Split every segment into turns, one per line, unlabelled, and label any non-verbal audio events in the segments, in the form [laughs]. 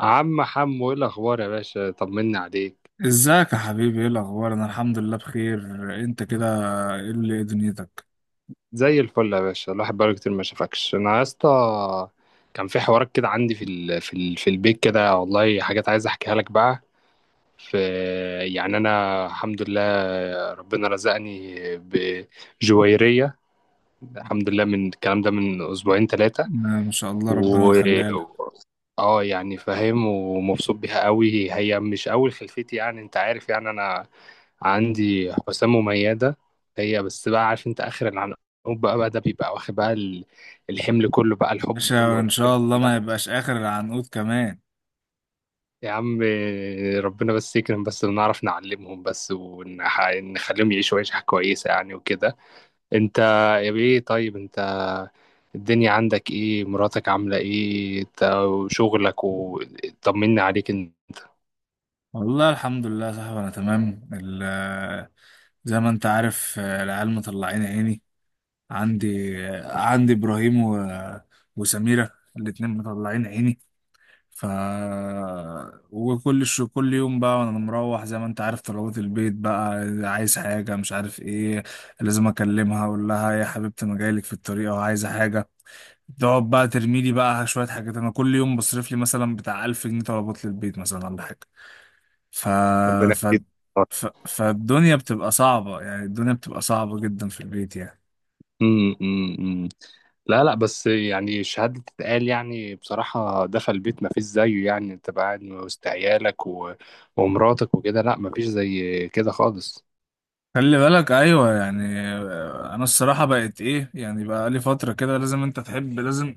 عم حمو ايه الاخبار يا باشا طمنا عليك.
ازيك يا حبيبي؟ ايه الاخبار؟ انا الحمد لله بخير. انت كده، ايه دنيتك؟
زي الفل يا باشا، الواحد بقاله كتير ما شافكش انا يا اسطى. كان في حوارات كده عندي في في البيت كده، والله حاجات عايز احكيها لك بقى. في، يعني انا الحمد لله ربنا رزقني بجويرية، الحمد لله، من الكلام ده من اسبوعين ثلاثة.
انا ما شاء الله، ربنا
و
يخليها لك.
اه، يعني فاهم ومبسوط بيها قوي. هي مش اول خلفتي يعني، انت عارف، يعني انا عندي حسام مميزة. هي بس، بقى عارف انت، اخر العنقود. بقى ده بيبقى واخد بقى الحمل كله بقى، الحب كله
باشا ان شاء
والحاجات.
الله ما
لا
يبقاش اخر العنقود كمان.
يا عم، ربنا بس يكرم بس، ونعرف نعلمهم بس، ونخليهم يعيشوا عيشة كويسة يعني وكده. انت يا بيه، طيب انت الدنيا عندك ايه، مراتك عاملة ايه، وشغلك، وطمني عليك ان.
والله الحمد لله يا صاحبي، انا تمام زي ما انت عارف. العيال مطلعين عيني. عندي ابراهيم و... وسميرة. الاتنين مطلعين عيني. ف وكل شو كل يوم بقى وانا مروح، زي ما انت عارف، طلبات البيت بقى. عايز حاجة مش عارف ايه، لازم اكلمها اقول لها: يا حبيبتي، انا جايلك في الطريق وعايزة حاجة. تقعد بقى ترمي لي بقى شوية حاجات. انا كل يوم بصرف لي مثلا بتاع 1000 جنيه طلبات للبيت مثلا ولا حاجة. ف...
ربنا
ف...
يكرمك.
فالدنيا بتبقى صعبة، يعني الدنيا بتبقى صعبة جدا في البيت يعني.
أمم، أمم، أمم. لا لا، بس يعني الشهادة تتقال يعني، بصراحة دفى البيت ما فيش زيه يعني، انت بقى قاعد وسط عيالك و... ومراتك وكده، لا ما فيش زي كده خالص.
خلي بالك، ايوه يعني انا الصراحه بقت ايه، يعني بقى لي فتره كده لازم انت تحب، لازم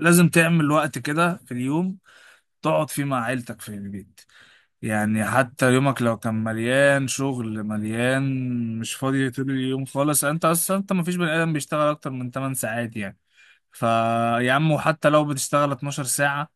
تعمل وقت كده في اليوم تقعد فيه مع عيلتك في البيت. يعني حتى يومك لو كان مليان شغل، مليان، مش فاضي طول اليوم خالص. انت اصلا انت مفيش بني ادم بيشتغل اكتر من 8 ساعات يعني. فيا عم، وحتى لو بتشتغل 12 ساعة،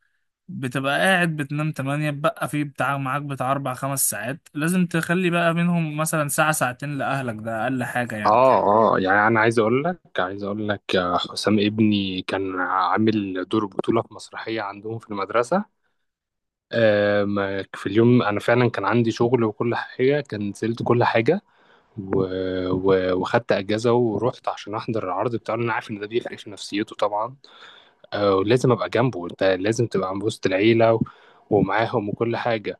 بتبقى قاعد بتنام 8، بقى في بتاع معاك بتاع 4 5 ساعات لازم تخلي بقى منهم مثلا ساعة ساعتين لأهلك. ده أقل حاجة يعني.
اه اه، يعني انا عايز اقول لك حسام ابني كان عامل دور بطولة في مسرحية عندهم في المدرسة. ما في اليوم انا فعلا كان عندي شغل وكل حاجه، كان نزلت كل حاجه، و... وخدت اجازه ورحت عشان احضر العرض بتاعه، لأن انا عارف ان ده بيفرق في نفسيته طبعا. ولازم ابقى جنبه، انت لازم تبقى عند وسط العيله و... ومعاهم وكل حاجه.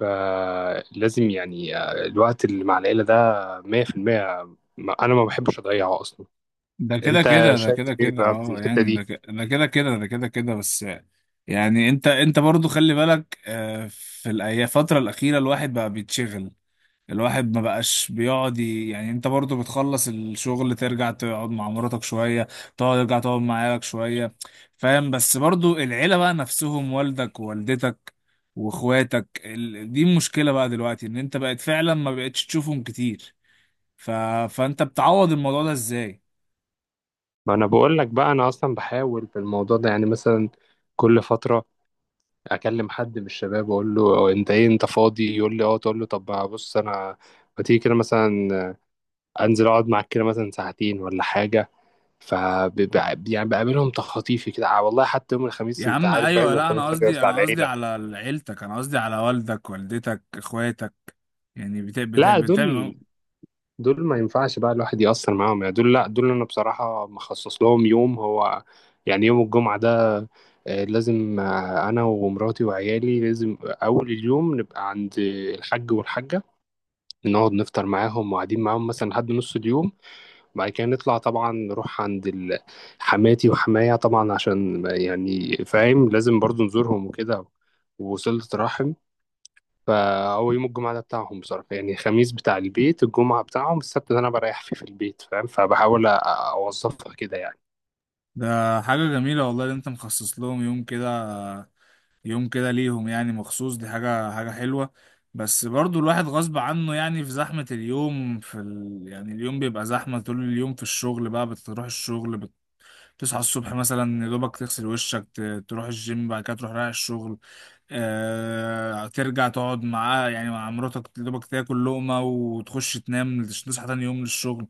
فلازم يعني الوقت اللي مع العيله ده 100%، ما... انا ما بحبش اضيعه اصلا.
ده كده
انت
كده، ده
شايف
كده
ايه
كده.
بقى في
اه
الحته
يعني
دي؟
ده كده كده، ده كده كده، بس. يعني انت برضو خلي بالك، في الفترة الأخيرة الواحد بقى بيتشغل. الواحد ما بقاش بيقعد. يعني انت برضو بتخلص الشغل ترجع تقعد مع مراتك شوية. ترجع تقعد مع عيالك شوية. فاهم؟ بس برضو العيلة بقى نفسهم والدك ووالدتك واخواتك دي المشكلة بقى دلوقتي، ان انت بقت فعلا ما بقتش تشوفهم كتير. ف... فانت بتعوض الموضوع ده ازاي؟
ما انا بقول لك بقى، انا اصلا بحاول في الموضوع ده يعني، مثلا كل فتره اكلم حد من الشباب واقول له انت ايه، انت فاضي؟ يقول لي اه، تقول له طب بص انا، ما تيجي كده مثلا، انزل اقعد معاك كده مثلا ساعتين ولا حاجه. ف، يعني بقابلهم تخطيفي كده. آه والله حتى يوم الخميس،
يا
انت
عم
عارف بقى
ايوه،
يوم
لا،
الخميس ده بيبقى بتاع
انا قصدي
العيله.
على عيلتك، انا قصدي على والدك والدتك اخواتك. يعني بتا بتا
لا
بتعمل.
دول، دول ما ينفعش بقى الواحد يأثر معاهم يعني. دول لا، دول انا بصراحه مخصص لهم يوم، هو يعني يوم الجمعه ده. لازم انا ومراتي وعيالي لازم اول اليوم نبقى عند الحاج والحاجه، نقعد نفطر معاهم، وقاعدين معاهم مثلا لحد نص اليوم. وبعد كده نطلع طبعا نروح عند حماتي وحمايا طبعا، عشان يعني فاهم، لازم برضو نزورهم وكده، ووصلة رحم. فهو يوم الجمعة ده بتاعهم بصراحة يعني، الخميس بتاع البيت، الجمعة بتاعهم، السبت ده أنا بريح فيه في البيت، فاهم؟ فبحاول أوظفها كده يعني.
ده حاجه جميله والله اللي انت مخصص لهم يوم كده، يوم كده ليهم يعني مخصوص. دي حاجه حلوه. بس برضو الواحد غصب عنه، يعني في زحمه اليوم، يعني اليوم بيبقى زحمه طول اليوم في الشغل بقى. بتروح الشغل، تصحى الصبح مثلا، يا دوبك تغسل وشك، تروح الجيم، بعد كده تروح رايح الشغل. ترجع تقعد معاه يعني مع مراتك، يا دوبك تاكل لقمة وتخش تنام، تصحى تاني يوم للشغل.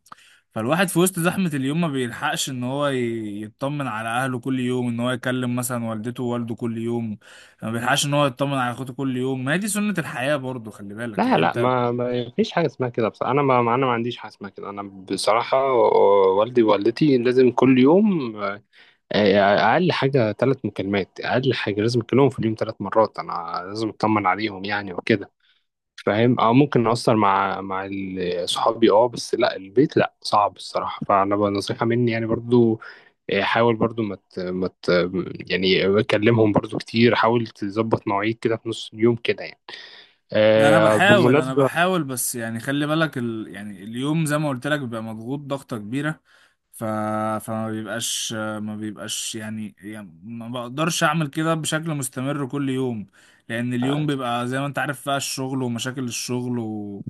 فالواحد في وسط زحمة اليوم ما بيلحقش ان هو يطمن على اهله كل يوم، ان هو يكلم مثلا والدته ووالده كل يوم. ما بيلحقش ان هو يطمن على اخوته كل يوم. ما هي دي سنة الحياة برضو، خلي بالك
لا
يعني
لا،
انت.
ما فيش حاجة اسمها كده بصراحة. أنا ما عنديش حاجة اسمها كده. أنا بصراحة والدي ووالدتي لازم كل يوم، آه، اقل حاجه ثلاث مكالمات، اقل حاجه لازم اكلمهم في اليوم ثلاث مرات، انا لازم اطمن عليهم يعني وكده، فاهم. اه ممكن اقصر مع صحابي اه، بس لا البيت لا، صعب الصراحه. فانا بقى نصيحه مني يعني برضو، حاول برضو، ما مت مت يعني اكلمهم برضو كتير، حاول تظبط مواعيد كده في نص اليوم كده يعني. آه
انا
بالمناسبة،
بحاول، بس يعني خلي بالك يعني اليوم زي ما قلت لك بيبقى مضغوط ضغطة كبيرة. ف... فما بيبقاش ما بيبقاش يعني ما بقدرش اعمل كده بشكل مستمر كل يوم. لان
آه،
اليوم بيبقى زي ما انت عارف بقى الشغل ومشاكل الشغل و...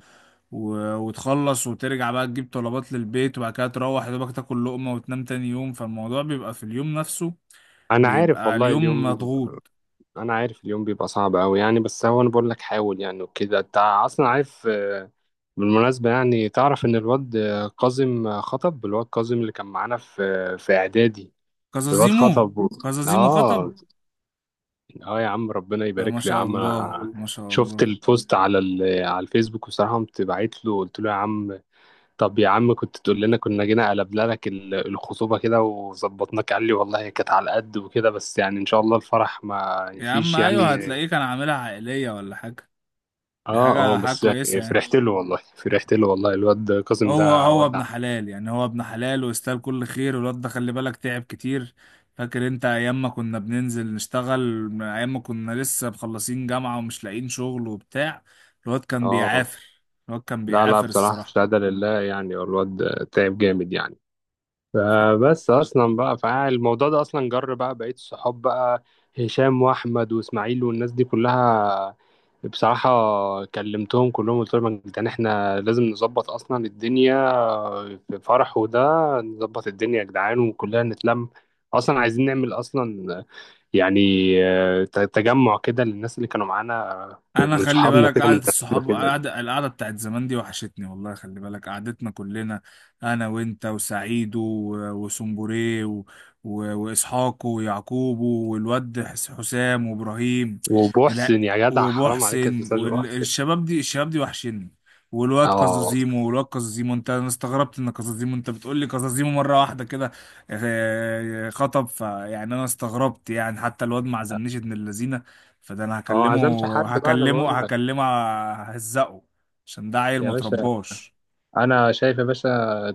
و... وتخلص وترجع بقى تجيب طلبات للبيت وبعد كده تروح يا دوبك تاكل لقمة وتنام تاني يوم. فالموضوع بيبقى في اليوم نفسه،
أنا عارف
بيبقى
والله
اليوم
اليوم،
مضغوط.
أنا عارف اليوم بيبقى صعب أوي يعني، بس هو أنا بقول لك حاول يعني وكده، أنت أصلا عارف. بالمناسبة يعني، تعرف إن الواد كاظم خطب؟ الواد كاظم اللي كان معانا في إعدادي، الواد
كزازيمو
خطب و... [laughs]
كزازيمو خطب؟
آه. آه يا عم، ربنا
ده ما
يبارك له يا
شاء
عم،
الله،
أنا
ما شاء
شفت
الله.
البوست على على الفيسبوك، وصراحة قمت بعت له قلت له يا عم، طب يا عم كنت تقول لنا، كنا جينا قلبنا لك الخطوبة كده وظبطناك. قال لي والله هي كانت على قد وكده، بس يعني إن شاء الله الفرح ما
يا عم
فيش
ايوه،
يعني.
هتلاقيه كان عاملها عائلية ولا حاجة. دي
آه آه،
حاجة
بس
كويسة
يعني
يعني.
فرحت له والله، فرحت له والله. الواد كاظم
هو
ده
هو
ولع.
ابن حلال يعني، هو ابن حلال واستاهل كل خير. والواد ده خلي بالك تعب كتير. فاكر انت ايام ما كنا بننزل نشتغل، من ايام ما كنا لسه مخلصين جامعة ومش لاقيين شغل وبتاع؟ الواد كان
اه
بيعافر. الواد كان
لا لا،
بيعافر
بصراحة
الصراحة.
الشهادة لله يعني، والواد تعب جامد يعني. فبس أصلا بقى، فالموضوع ده أصلا جر بقى بقية الصحاب بقى، هشام وأحمد وإسماعيل والناس دي كلها. بصراحة كلمتهم كلهم قلت لهم يا جدعان، احنا لازم نظبط أصلا الدنيا، في فرح وده، نظبط الدنيا يا جدعان، وكلنا نتلم. أصلا عايزين نعمل أصلا يعني تجمع كده للناس اللي كانوا معانا،
انا
من
خلي
صحابنا
بالك
كده من
قعده
زمان
الصحاب
وكده.
القعده بتاعت زمان دي وحشتني والله. خلي بالك قعدتنا كلنا، انا وانت وسعيد وسنبوري و... و... واسحاق ويعقوب والواد حسام وابراهيم. لا،
وبحسن يا جدع، حرام عليك يا
ومحسن
استاذ محسن.
والشباب دي، الشباب دي وحشني.
اه،
والواد كازازيمو، انت انا استغربت ان كازازيمو، انت بتقول لي كازازيمو مره واحده كده خطب. فيعني انا استغربت يعني حتى الواد ما عزمنيش ابن اللذينه. فده انا
هو ما عزمش حد
هكلمه
بقى، انا
هكلمه
بقول لك.
هكلمه ههزقه عشان ده عيل
يا
ما
باشا،
ترباش.
انا شايف يا باشا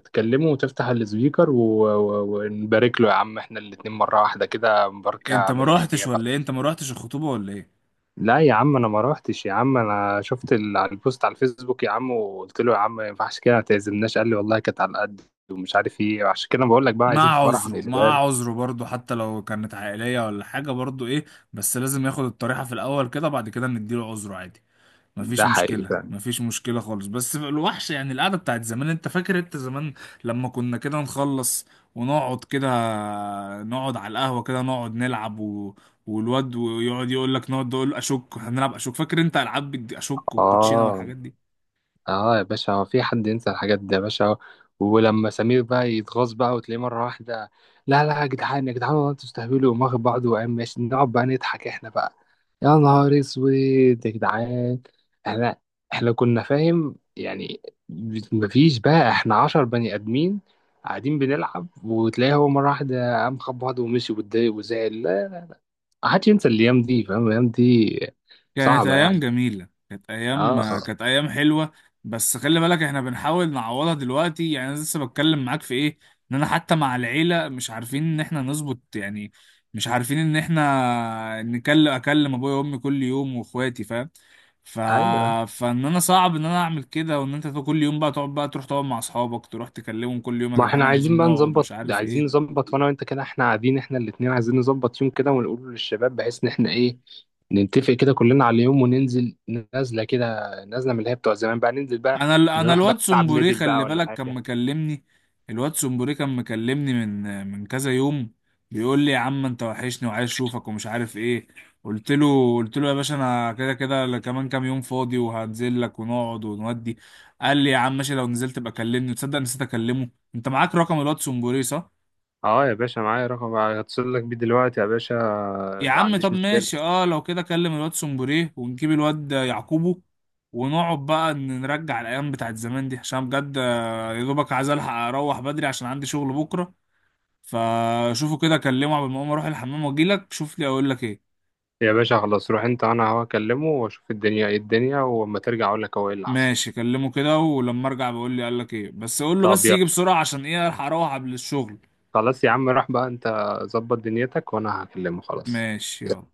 تكلمه وتفتح السبيكر ونبارك له يا عم، احنا الاتنين مرة واحدة كده، مباركة من اللي هي بقى.
انت ما روحتش الخطوبه ولا ايه؟
لا يا عم، انا ما روحتش يا عم، انا شفت على البوست على الفيسبوك يا عم، وقلت له يا عم ما ينفعش كده، ما تعزمناش. قال لي والله كانت على قد ومش عارف ايه. عشان كده بقول لك بقى، عايزين في فرح ونقلبها
مع
له.
عذره برضه، حتى لو كانت عائليه ولا حاجه برضه ايه. بس لازم ياخد الطريحه في الاول كده، بعد كده نديله عذره عادي.
ده حقيقي فعلا.
مفيش مشكلة خالص. بس الوحش يعني القعدة بتاعت زمان، انت فاكر انت زمان لما كنا كده نخلص ونقعد كده، نقعد على القهوة كده نقعد نلعب و... والواد ويقعد يقول لك نقعد نقول اشك هنلعب اشك، فاكر انت العاب اشك والكوتشينة
اه
والحاجات دي؟
اه يا باشا، هو في حد ينسى الحاجات دي يا باشا؟ ولما سمير بقى يتغاظ بقى، وتلاقيه مرة واحدة، لا لا يا جدعان يا جدعان، والله انتوا تستهبلوا، وقام واخد بعضه وقام ماشي، نقعد بقى نضحك احنا بقى. يا نهار اسود يا جدعان، احنا احنا كنا فاهم يعني، مفيش بقى، احنا عشر بني ادمين قاعدين بنلعب، وتلاقيه هو مرة واحدة قام خد بعضه ومشي واتضايق وزعل. لا، محدش ينسى الايام دي، فاهم، الايام دي
كانت
صعبة
ايام
يعني.
جميله،
اه اه.
كانت ايام حلوه. بس خلي بالك احنا بنحاول نعوضها دلوقتي، يعني انا لسه بتكلم معاك في ايه؟ ان انا حتى مع العيله مش عارفين ان احنا نظبط يعني. مش عارفين ان احنا اكلم ابويا وامي كل يوم واخواتي، فاهم؟ ف...
ايوه،
فان انا صعب ان انا اعمل كده، وان انت كل يوم بقى تقعد بقى تروح تقعد مع اصحابك تروح تكلمهم كل يوم: يا
ما احنا
جدعان
عايزين
عايزين
بقى
نقعد،
نظبط،
مش عارف
عايزين
ايه.
نظبط، وانا وانت كده احنا قاعدين احنا الاتنين، عايزين نظبط يوم كده ونقوله للشباب، بحيث ان احنا ايه، نتفق كده كلنا على يوم وننزل، نازله كده، نازله من اللي هي بتوع زمان بقى، ننزل بقى،
انا
نروح بقى
الواد
نلعب
سمبوري
ميدل بقى
خلي
ولا
بالك كان
حاجه.
مكلمني. الواد سمبوري كان مكلمني من كذا يوم. بيقول لي: يا عم انت وحشني وعايز اشوفك ومش عارف ايه. قلت له: يا باشا انا كده كده كمان كام يوم فاضي وهنزل لك ونقعد ونودي. قال لي: يا عم ماشي، لو نزلت ابقى كلمني. تصدق نسيت اكلمه؟ انت معاك رقم الواد سمبوري، صح؟
اه يا باشا، معايا رقم، هتصل لك بيه دلوقتي يا باشا،
يا
ما
عم
عنديش
طب
مشكله.
ماشي، اه لو كده كلم الواد سومبوريه ونجيب الواد يعقوبو، ونقعد بقى نرجع الايام بتاعت زمان دي عشان بجد. يا دوبك عايز الحق اروح بدري عشان عندي شغل بكره. فشوفه كده كلمه قبل ما اقوم اروح الحمام واجيلك شوف لي اقول لك ايه.
يا باشا خلاص، روح انت، انا هو اكلمه واشوف الدنيا ايه الدنيا، واما ترجع اقول لك هو ايه اللي حصل.
ماشي كلمه كده، ولما ارجع بقول لي قال لك ايه، بس قول له
طب
بس
يلا،
يجي بسرعه عشان ايه الحق اروح قبل الشغل.
خلاص يا عم، روح بقى انت، ظبط دنيتك وانا هكلمه خلاص.
ماشي يلا.